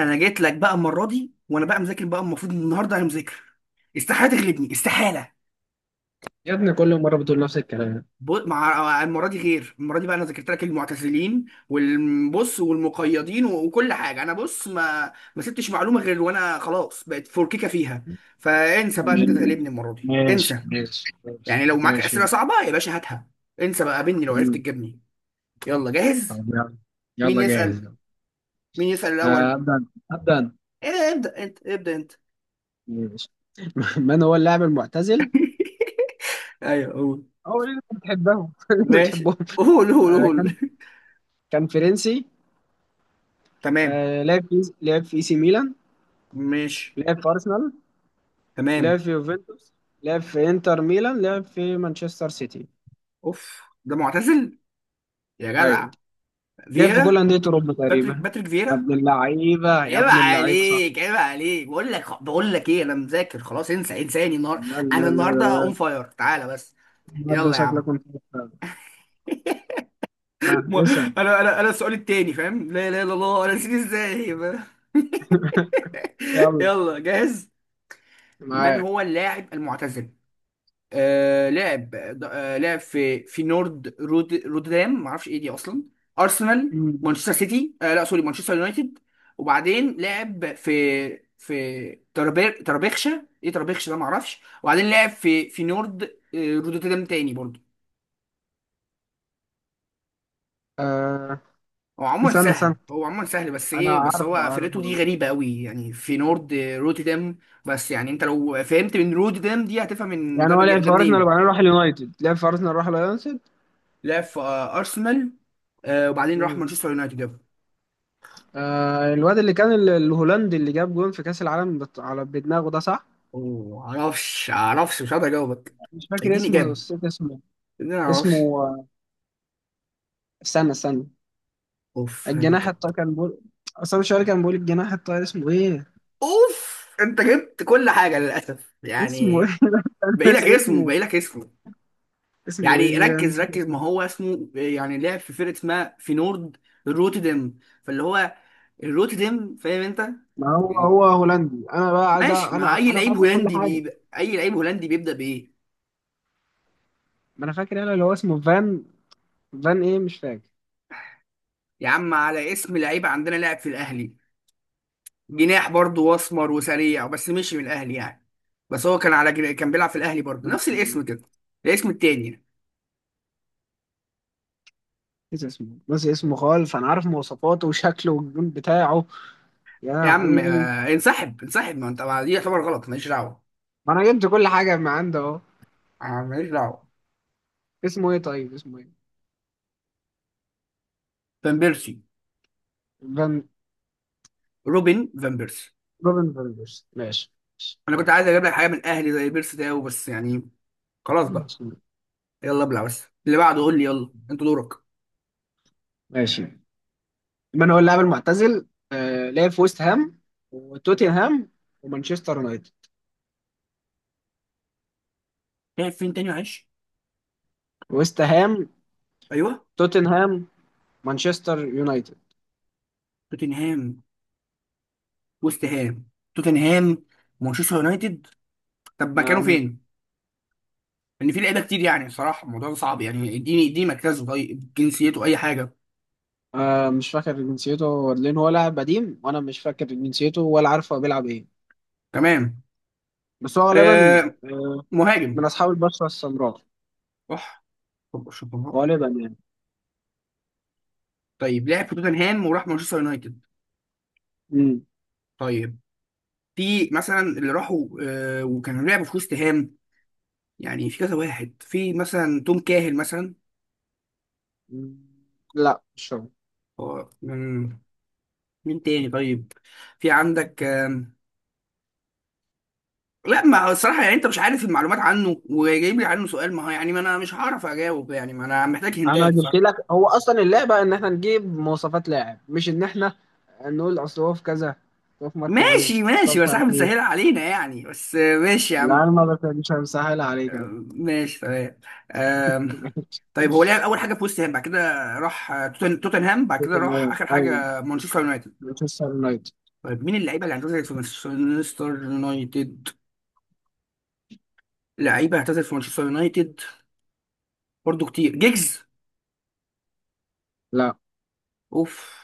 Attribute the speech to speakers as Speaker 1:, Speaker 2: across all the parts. Speaker 1: انا جيت لك بقى المره دي، وانا بقى مذاكر بقى. المفروض إن النهارده انا مذاكر. استحاله تغلبني، استحاله.
Speaker 2: يا ابني كل مرة بتقول نفس الكلام.
Speaker 1: مع المره دي غير المره دي بقى. انا ذاكرت لك المعتزلين والبص والمقيدين و- وكل حاجه. انا بص، ما سبتش معلومه غير وانا خلاص بقت فوركيكه فيها. فانسى بقى ان انت
Speaker 2: مم.
Speaker 1: تغلبني المره دي،
Speaker 2: ماشي
Speaker 1: انسى.
Speaker 2: ماشي ماشي
Speaker 1: يعني لو معاك
Speaker 2: ماشي.
Speaker 1: اسئله صعبه يا باشا هاتها. انسى بقى، قابلني لو عرفت
Speaker 2: مم.
Speaker 1: تجيبني. يلا،
Speaker 2: طب
Speaker 1: جاهز.
Speaker 2: يلا.
Speaker 1: مين
Speaker 2: يلا جاهز
Speaker 1: يسال؟
Speaker 2: يلا.
Speaker 1: مين يسال
Speaker 2: آه،
Speaker 1: الاول؟
Speaker 2: أبدأ أبدأ أنا.
Speaker 1: إيه، ابدا انت ابدا انت.
Speaker 2: ماشي. من هو اللاعب المعتزل؟
Speaker 1: ايوه، قول.
Speaker 2: هو اللي أنت بتحبهم. اللي أنت
Speaker 1: ماشي،
Speaker 2: بتحبهم.
Speaker 1: قول قول قول.
Speaker 2: كان فرنسي.
Speaker 1: تمام.
Speaker 2: لعب في اي سي ميلان.
Speaker 1: ماشي
Speaker 2: لعب في أرسنال. لعب
Speaker 1: تمام.
Speaker 2: في يوفنتوس. لعب في إنتر ميلان. لعب في مانشستر سيتي.
Speaker 1: اوف، ده معتزل؟ يا جدع.
Speaker 2: أيوه. لعب في كل
Speaker 1: فييرا.
Speaker 2: أندية أوروبا
Speaker 1: باتريك
Speaker 2: تقريبا.
Speaker 1: باتريك
Speaker 2: يا
Speaker 1: فييرا.
Speaker 2: ابن اللعيبة يا
Speaker 1: عيب
Speaker 2: ابن اللعيبة صح.
Speaker 1: عليك عيب عليك، بقول لك ايه. انا مذاكر خلاص، انسى، انساني النهارده.
Speaker 2: لا لا
Speaker 1: انا
Speaker 2: لا
Speaker 1: النهارده اون
Speaker 2: لا.
Speaker 1: فاير، تعالى بس.
Speaker 2: ده
Speaker 1: يلا يا
Speaker 2: شكلك
Speaker 1: عم.
Speaker 2: كنت بتتابع. ها
Speaker 1: م-
Speaker 2: اسأل.
Speaker 1: انا السؤال التاني فاهم؟ لا لا لا لا، انا نسيت ازاي.
Speaker 2: يلا.
Speaker 1: يلا، جاهز. من
Speaker 2: معاك.
Speaker 1: هو اللاعب المعتزل؟ لعب. لعب في نورد رودام، ما اعرفش ايه دي اصلا. ارسنال،
Speaker 2: مم.
Speaker 1: مانشستر سيتي. لا، سوري، مانشستر يونايتد. وبعدين لعب في تربيخشة، ايه تربيخشة ده، ما اعرفش. وبعدين لعب في نورد رودوتردام تاني برضه.
Speaker 2: آه.
Speaker 1: هو عموما
Speaker 2: استنى
Speaker 1: سهل،
Speaker 2: استنى،
Speaker 1: هو عموما سهل بس
Speaker 2: انا
Speaker 1: ايه، بس
Speaker 2: عارفه
Speaker 1: هو فرقته دي
Speaker 2: عارفه.
Speaker 1: غريبة قوي يعني، في نورد روتردام. بس يعني انت لو فهمت من روتردام دي، هتفهم من
Speaker 2: يعني
Speaker 1: ده
Speaker 2: هو لعب
Speaker 1: ده
Speaker 2: في ارسنال
Speaker 1: منين.
Speaker 2: وبعدين راح اليونايتد. لعب في ارسنال راح اليونايتد.
Speaker 1: لعب في ارسنال. وبعدين راح
Speaker 2: مم.
Speaker 1: مانشستر يونايتد.
Speaker 2: آه. الواد اللي كان الهولندي اللي جاب جون في كأس العالم على بدماغه ده صح؟
Speaker 1: معرفش، مش هقدر اجاوبك.
Speaker 2: مش فاكر
Speaker 1: اديني
Speaker 2: اسمه،
Speaker 1: اجابه،
Speaker 2: نسيت اسمه.
Speaker 1: اديني،
Speaker 2: اسمه
Speaker 1: معرفش.
Speaker 2: آه، استنى استنى.
Speaker 1: اوف انت.
Speaker 2: الجناح الطاير كان بيقول، اصلا شوية كان بيقول الجناح الطاير اسمه ايه؟
Speaker 1: اوف، انت جبت كل حاجه للاسف
Speaker 2: اسمه
Speaker 1: يعني.
Speaker 2: ايه؟ أنا
Speaker 1: باقي لك
Speaker 2: ناسي
Speaker 1: اسمه،
Speaker 2: اسمه.
Speaker 1: باقي لك اسمه.
Speaker 2: اسمه
Speaker 1: يعني
Speaker 2: ايه؟ أنا
Speaker 1: ركز
Speaker 2: نسيت
Speaker 1: ركز، ما
Speaker 2: اسمه.
Speaker 1: هو اسمه يعني لعب في فرقه اسمها في نورد روتردام. فاللي هو الروتردام، فاهم انت؟
Speaker 2: ما هو هو هولندي، انا بقى عايز
Speaker 1: ماشي. ما
Speaker 2: انا انا فاكر كل حاجه.
Speaker 1: اي لعيب هولندي بيبدا بايه؟
Speaker 2: ما انا فاكر، انا اللي هو اسمه فان. فان ايه مش فاكر.
Speaker 1: يا عم، على اسم لعيب عندنا لاعب في الاهلي. جناح برضه واسمر وسريع، بس مشي من الاهلي يعني. بس هو كان على كان بيلعب في الاهلي برضه،
Speaker 2: فان-
Speaker 1: نفس الاسم كده. الاسم التاني يعني.
Speaker 2: نسي اسمه نسي اسمه خالص، انا عارف مواصفاته وشكله والجون بتاعه. يا
Speaker 1: يا عم
Speaker 2: لهوي.
Speaker 1: انسحب انسحب، ما انت دي يعتبر غلط، ماليش دعوه.
Speaker 2: ما انا جبت كل حاجه، ما عنده اهو.
Speaker 1: ماليش دعوه.
Speaker 2: اسمه ايه طيب؟ اسمه ايه؟
Speaker 1: فان بيرسي.
Speaker 2: فان.
Speaker 1: روبن فان بيرسي.
Speaker 2: روبن فاندرس ماشي.
Speaker 1: انا كنت
Speaker 2: ماشي.
Speaker 1: عايز اجيب لك حاجه من الاهلي زي بيرسي ده بس يعني. خلاص بقى.
Speaker 2: ماشي.
Speaker 1: يلا ابلع بس، اللي بعده قول لي، يلا انت دورك.
Speaker 2: ماشي. من هو اللاعب المعتزل؟ آه لعب في ويست هام، وتوتنهام، ومانشستر يونايتد.
Speaker 1: لعب فين تاني معلش؟
Speaker 2: ويست هام،
Speaker 1: ايوه.
Speaker 2: توتنهام، مانشستر يونايتد.
Speaker 1: توتنهام، وست هام، توتنهام، مانشستر يونايتد. طب مكانه
Speaker 2: انا
Speaker 1: فين؟ ان في لعيبه كتير يعني صراحه، الموضوع ده صعب يعني. اديني مركزه، طيب جنسيته، اي حاجه.
Speaker 2: آه مش فاكر جنسيته، لان هو لاعب قديم وانا مش فاكر جنسيته ولا عارف هو بيلعب ايه.
Speaker 1: تمام.
Speaker 2: بس هو غالبا
Speaker 1: آه
Speaker 2: من
Speaker 1: مهاجم.
Speaker 2: اصحاب البشره السمراء.
Speaker 1: صح. طب شطبها.
Speaker 2: غالبا يعني.
Speaker 1: طيب لعب في توتنهام وراح مانشستر يونايتد.
Speaker 2: مم.
Speaker 1: طيب. في مثلا اللي راحوا وكانوا لعبوا في وست هام، يعني في كذا واحد، في مثلا توم كاهل مثلا.
Speaker 2: مم. لا مش هو.
Speaker 1: هو من؟ مين تاني طيب؟ في عندك لا، ما هو الصراحه يعني انت مش عارف المعلومات عنه وجايب لي عنه سؤال. ما هو يعني ما انا مش هعرف اجاوب يعني، ما انا محتاج
Speaker 2: انا
Speaker 1: هندات.
Speaker 2: جبت لك، هو اصلا اللعبه ان احنا نجيب مواصفات لاعب، مش ان احنا نقول اصل هو في كذا، أصل هو في مركز ايه،
Speaker 1: ماشي
Speaker 2: اصل هو
Speaker 1: ماشي،
Speaker 2: مش
Speaker 1: بس احنا
Speaker 2: عارف
Speaker 1: بنسهلها
Speaker 2: ايه.
Speaker 1: علينا يعني، بس ماشي يا
Speaker 2: لا
Speaker 1: عم.
Speaker 2: انا ما مش مسهل عليك أنا.
Speaker 1: آه، ماشي تمام. آم، طيب هو لعب اول حاجه في وست هام، بعد كده راح توتنهام، بعد كده
Speaker 2: توتنهام
Speaker 1: راح اخر
Speaker 2: ايوه.
Speaker 1: حاجه مانشستر يونايتد.
Speaker 2: مانشستر يونايتد.
Speaker 1: طيب، مين اللعيبه اللي اعتزلت في مانشستر يونايتد؟ لعيبه اعتزلت في مانشستر يونايتد، برضو كتير، جيجز.
Speaker 2: لا.
Speaker 1: اوف.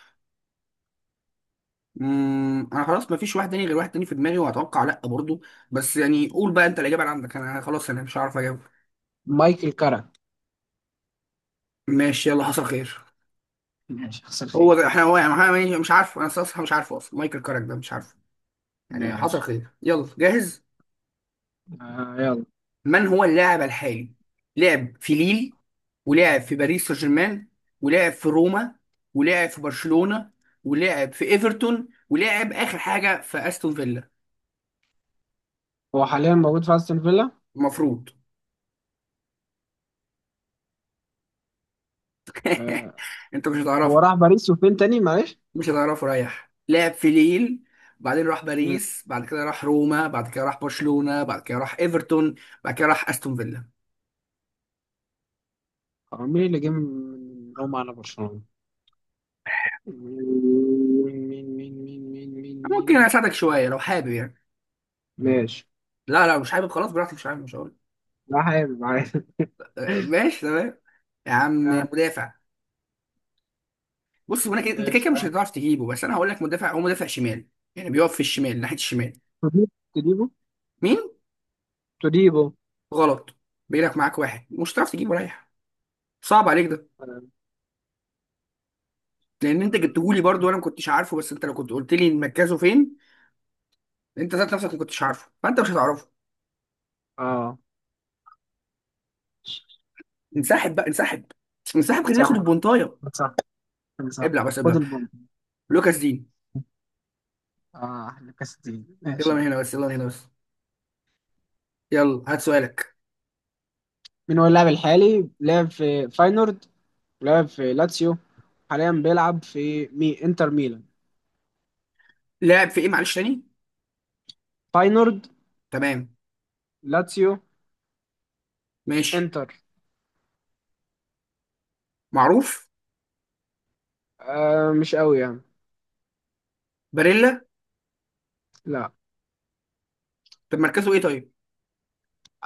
Speaker 1: انا خلاص ما فيش واحد تاني، غير واحد تاني في دماغي وهتوقع لا برضو. بس يعني قول بقى انت الاجابه اللي عندك، انا خلاص، انا مش عارف اجاوب.
Speaker 2: مايكل كارك.
Speaker 1: ماشي، يلا حصل خير.
Speaker 2: ماشي حصل
Speaker 1: هو
Speaker 2: خير.
Speaker 1: احنا هو يعني احنا مش عارفه، انا صراحه مش عارفه اصلا، مايكل كارك ده مش عارفه. يعني حصل
Speaker 2: ماشي.
Speaker 1: خير، يلا جاهز.
Speaker 2: آه يلا.
Speaker 1: من هو اللاعب الحالي؟ لعب في ليل، ولعب في باريس سان جيرمان، ولعب في روما، ولعب في برشلونة، ولعب في ايفرتون، ولعب اخر حاجه في استون فيلا.
Speaker 2: هو حاليا موجود في استون فيلا.
Speaker 1: المفروض.
Speaker 2: آه.
Speaker 1: انت مش
Speaker 2: هو
Speaker 1: هتعرفه.
Speaker 2: راح باريس وفين تاني معلش؟
Speaker 1: مش هتعرفه رايح. لعب في ليل، بعدين راح
Speaker 2: مم.
Speaker 1: باريس، بعد كده راح روما، بعد كده راح برشلونة، بعد كده راح ايفرتون، بعد كده راح استون فيلا.
Speaker 2: هو مين اللي جه من روما على برشلونة؟ مين؟ مين مين مين مين. مين مين.
Speaker 1: ممكن اساعدك شويه لو حابب يعني.
Speaker 2: ماشي.
Speaker 1: لا لا مش حابب، خلاص براحتك، مش حابب، مش هقول.
Speaker 2: لا حابب عادي.
Speaker 1: ماشي تمام. يا عم،
Speaker 2: آه.
Speaker 1: مدافع. بص، هو أنا كده، انت
Speaker 2: ده
Speaker 1: كده كده مش
Speaker 2: بصراحة.
Speaker 1: هتعرف تجيبه، بس انا هقول لك مدافع، هو مدافع شمال. يعني بيقف في الشمال، ناحيه الشمال.
Speaker 2: توديبو. توديبو.
Speaker 1: مين؟
Speaker 2: توديبو.
Speaker 1: غلط. بينك معاك واحد مش هتعرف تجيبه رايح. صعب عليك ده.
Speaker 2: آه.
Speaker 1: لان انت جبته لي برضه وانا ما كنتش عارفه، بس انت لو كنت قلت لي مركزه فين، انت ذات نفسك ما كنتش عارفه، فانت مش هتعرفه.
Speaker 2: آه.
Speaker 1: انسحب بقى انسحب، انسحب خلينا
Speaker 2: انصح.
Speaker 1: ناخد البونطايه.
Speaker 2: انصح. انصح.
Speaker 1: ابلع بس
Speaker 2: خد
Speaker 1: ابلع.
Speaker 2: البونت.
Speaker 1: لوكاس دين.
Speaker 2: اه احلى كاس الدين
Speaker 1: يلا من
Speaker 2: ماشي.
Speaker 1: هنا بس، يلا من هنا بس. يلا هات سؤالك.
Speaker 2: مين هو اللاعب الحالي؟ لعب في فاينورد، لعب في لاتسيو، حاليا بيلعب في انتر ميلان.
Speaker 1: لاعب في ايه معلش، تاني؟
Speaker 2: فاينورد.
Speaker 1: تمام.
Speaker 2: لاتسيو.
Speaker 1: ماشي.
Speaker 2: انتر.
Speaker 1: معروف.
Speaker 2: آه مش قوي يعني.
Speaker 1: باريلا.
Speaker 2: لا.
Speaker 1: طب مركزه ايه طيب؟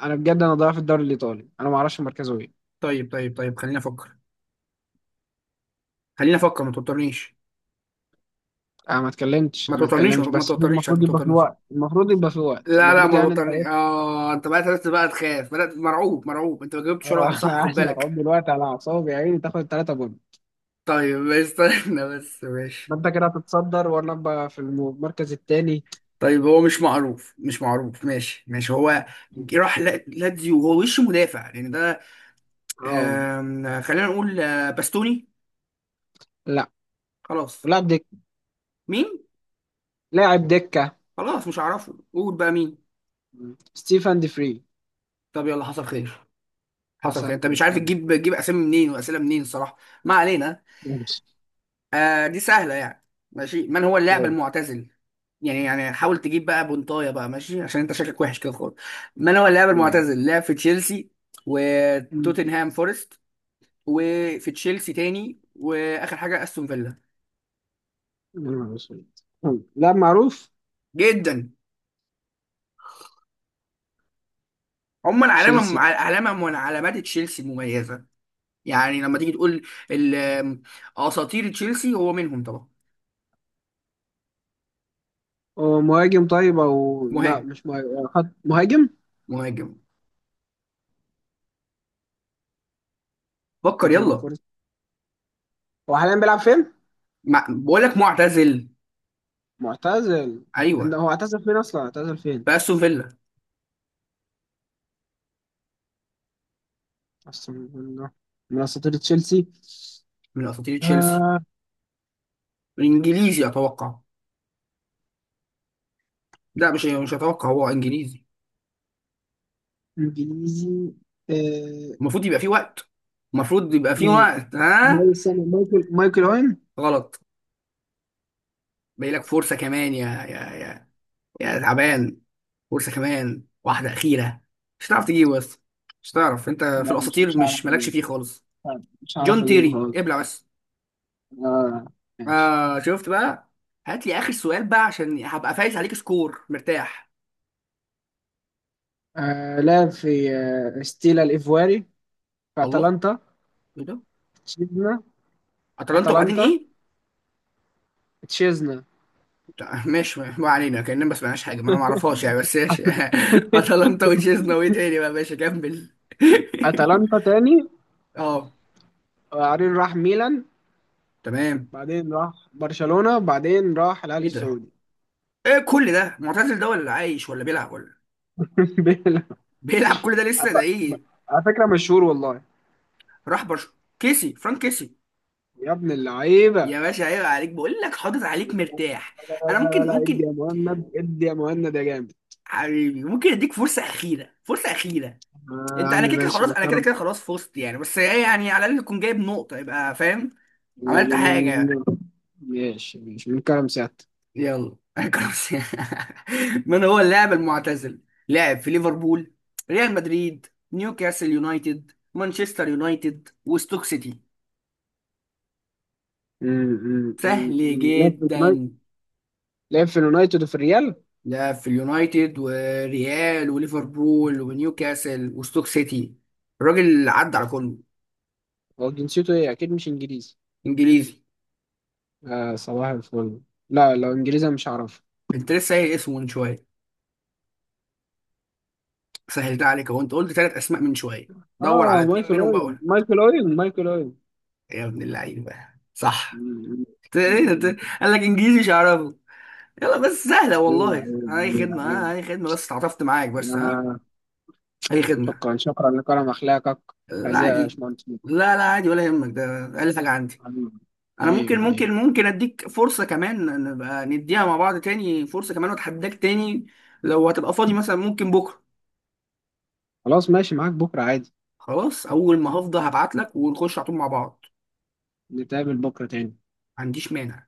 Speaker 2: انا بجد انا ضايع في الدوري الايطالي، انا ما اعرفش مركزه ايه.
Speaker 1: طيب طيب طيب، خليني افكر، خليني افكر، ما توترنيش،
Speaker 2: انا ما اتكلمتش،
Speaker 1: ما
Speaker 2: انا ما
Speaker 1: توترنيش،
Speaker 2: اتكلمتش،
Speaker 1: ما
Speaker 2: بس
Speaker 1: توترنيش،
Speaker 2: المفروض
Speaker 1: ما
Speaker 2: يبقى في
Speaker 1: توترنيش.
Speaker 2: الوقت المفروض يبقى في الوقت
Speaker 1: لا لا،
Speaker 2: المفروض،
Speaker 1: ما
Speaker 2: يعني انت
Speaker 1: توترنيش.
Speaker 2: ايه.
Speaker 1: اه، انت بقى بدات بقى تخاف، بدات مرعوب، مرعوب. انت ما
Speaker 2: اه
Speaker 1: جاوبتش ولا واحده
Speaker 2: انا
Speaker 1: صح، خد
Speaker 2: قاعد
Speaker 1: بالك.
Speaker 2: مرعوب دلوقتي على اعصابي يا عيني، تاخد ثلاثة جول.
Speaker 1: طيب. استنى بس، ماشي.
Speaker 2: ما انت كده هتتصدر وانا ابقى في المركز الثاني.
Speaker 1: طيب هو مش معروف، مش معروف. ماشي ماشي. هو راح لاتزيو، وهو وش مدافع يعني ده.
Speaker 2: اه.
Speaker 1: خلينا نقول باستوني.
Speaker 2: لا،
Speaker 1: خلاص.
Speaker 2: لاعب دك.
Speaker 1: مين؟
Speaker 2: لاعب دكة.
Speaker 1: خلاص مش هعرفه، قول بقى مين.
Speaker 2: ستيفن دي فري.
Speaker 1: طب يلا حصل خير، حصل
Speaker 2: عسى.
Speaker 1: خير. انت مش عارف
Speaker 2: يلا.
Speaker 1: تجيب اسامي منين واسئله منين الصراحه. ما علينا.
Speaker 2: ماشي.
Speaker 1: دي سهله يعني. ماشي، من هو اللاعب المعتزل؟ يعني حاول تجيب بقى بنطايه بقى، ماشي، عشان انت شكلك وحش كده خالص. من هو اللاعب
Speaker 2: مم.
Speaker 1: المعتزل، لعب في تشيلسي
Speaker 2: مم.
Speaker 1: وتوتنهام فورست وفي تشيلسي تاني، واخر حاجه استون فيلا.
Speaker 2: مم. مم. لا معروف.
Speaker 1: جدا. عموما علامه
Speaker 2: تشيلسي.
Speaker 1: علامه من علامات تشيلسي مميزه. يعني لما تيجي تقول ال- آه، اساطير تشيلسي، هو منهم طبعا.
Speaker 2: هو مهاجم طيب او لا
Speaker 1: مهاجم.
Speaker 2: مش مهاجم، خط مهاجم؟
Speaker 1: مهاجم. فكر
Speaker 2: توتنهام
Speaker 1: يلا.
Speaker 2: فورست. هو حاليا بيلعب فين؟
Speaker 1: بقول لك معتزل.
Speaker 2: معتزل.
Speaker 1: ايوه.
Speaker 2: هو اعتزل فين اصلا؟ اعتزل فين؟
Speaker 1: في استون فيلا.
Speaker 2: اصلا من، من اساطير تشيلسي.
Speaker 1: من اساطير تشيلسي.
Speaker 2: آه.
Speaker 1: انجليزي اتوقع. لا، مش اتوقع، هو انجليزي.
Speaker 2: انجليزي. آه.
Speaker 1: المفروض يبقى فيه وقت، المفروض يبقى فيه
Speaker 2: ما-
Speaker 1: وقت، ها.
Speaker 2: استنى، مايكل مايكل اوين.
Speaker 1: غلط. باقي لك فرصه كمان يا يا تعبان، فرصه كمان واحده اخيره. مش هتعرف تجيبه بس، مش هتعرف انت، في
Speaker 2: لا مش
Speaker 1: الاساطير
Speaker 2: مش هعرف
Speaker 1: مش مالكش
Speaker 2: اجيبه.
Speaker 1: فيه خالص.
Speaker 2: طيب، مش هعرف
Speaker 1: جون
Speaker 2: اجيبه
Speaker 1: تيري،
Speaker 2: خالص.
Speaker 1: ابلع بس.
Speaker 2: آه. ماشي.
Speaker 1: شفت بقى. هات لي اخر سؤال بقى عشان هبقى فايز عليك سكور مرتاح.
Speaker 2: آه لعب في آه ستيلا الايفواري. في
Speaker 1: الله،
Speaker 2: اتلانتا.
Speaker 1: ايه ده؟ اتلانتا وبعدين
Speaker 2: اتلانتا.
Speaker 1: ايه؟
Speaker 2: تشيزنا.
Speaker 1: لا، ماشي ما علينا، كأننا ما سمعناش حاجة، ما انا ما اعرفهاش يعني، بس ماشي. اتلانتا وتشيزنا وايه تاني بقى، ماشي كمل.
Speaker 2: اتلانتا تاني.
Speaker 1: اه.
Speaker 2: وبعدين راح ميلان.
Speaker 1: تمام.
Speaker 2: بعدين راح برشلونة. بعدين راح الأهلي
Speaker 1: ايه ده؟
Speaker 2: السعودي.
Speaker 1: ايه كل ده؟ معتزل ده ولا عايش ولا بيلعب، ولا
Speaker 2: بلا-
Speaker 1: بيلعب كل ده لسه، ده
Speaker 2: أعت-
Speaker 1: ايه؟
Speaker 2: على فكرة مشهور والله.
Speaker 1: راح برش، كيسي، فرانك كيسي.
Speaker 2: يا ابن اللعيبة.
Speaker 1: يا باشا عيب عليك، بقول لك حاطط عليك مرتاح.
Speaker 2: لا
Speaker 1: انا
Speaker 2: لا
Speaker 1: ممكن
Speaker 2: لا لا. ادي
Speaker 1: ممكن
Speaker 2: يا مهند ادي يا مهند يا جامد.
Speaker 1: حبيبي، ممكن اديك فرصة أخيرة، فرصة أخيرة.
Speaker 2: آه يا
Speaker 1: انت
Speaker 2: عم
Speaker 1: انا كده كده
Speaker 2: ماشي
Speaker 1: خلاص،
Speaker 2: من
Speaker 1: انا كده
Speaker 2: كرم.
Speaker 1: كده خلاص فزت يعني، بس ايه يعني، على الاقل تكون جايب نقطة يبقى فاهم، عملت
Speaker 2: يعني من،
Speaker 1: حاجة.
Speaker 2: ماشي ماشي من كرم سيادتك.
Speaker 1: يلا كروس. من هو اللاعب المعتزل؟ لعب في ليفربول، ريال مدريد، نيوكاسل يونايتد، مانشستر يونايتد، وستوك سيتي.
Speaker 2: م- م- م-
Speaker 1: سهل
Speaker 2: م. لعب في
Speaker 1: جدا.
Speaker 2: اليونايتد. لعب في اليونايتد وفي الريال.
Speaker 1: لعب في اليونايتد وريال وليفربول ونيوكاسل وستوك سيتي، الراجل عدى على كله.
Speaker 2: هو جنسيته ايه؟ اكيد مش انجليزي.
Speaker 1: انجليزي.
Speaker 2: آه صباح الفل. لا لو انجليزي أنا مش هعرف.
Speaker 1: انت لسه قايل اسمه من شويه، سهلت عليك اهو، انت قلت ثلاث اسماء من شويه، دور على
Speaker 2: اه،
Speaker 1: اتنين
Speaker 2: مايكل
Speaker 1: منهم بقى
Speaker 2: اوين
Speaker 1: قول.
Speaker 2: مايكل اوين مايكل اوين.
Speaker 1: يا ابن اللعيبه، صح.
Speaker 2: مم.
Speaker 1: إيه
Speaker 2: مم.
Speaker 1: ده؟ قال لك انجليزي مش هعرفه. يلا بس، سهلة
Speaker 2: ايوه
Speaker 1: والله.
Speaker 2: ايوه
Speaker 1: أي
Speaker 2: ايوه
Speaker 1: خدمة،
Speaker 2: ايوه.
Speaker 1: ها، أي خدمة، بس تعاطفت معاك بس، ها.
Speaker 2: آه.
Speaker 1: أي خدمة.
Speaker 2: شكرا شكرا لكرم اخلاقك.
Speaker 1: لا
Speaker 2: عزيز يا
Speaker 1: عادي.
Speaker 2: باشمهندس.
Speaker 1: لا لا عادي ولا يهمك، ده أقل حاجة عندي.
Speaker 2: حبيبي.
Speaker 1: أنا
Speaker 2: حبيبي.
Speaker 1: ممكن
Speaker 2: حبيبي.
Speaker 1: ممكن ممكن أديك فرصة كمان، نبقى نديها مع بعض تاني، فرصة كمان وأتحداك تاني. لو هتبقى فاضي مثلا ممكن بكرة.
Speaker 2: خلاص ماشي، معاك بكره عادي.
Speaker 1: خلاص، أول ما هفضى هبعتلك ونخش على طول مع بعض.
Speaker 2: نتقابل بكره تاني.
Speaker 1: ما عنديش مانع.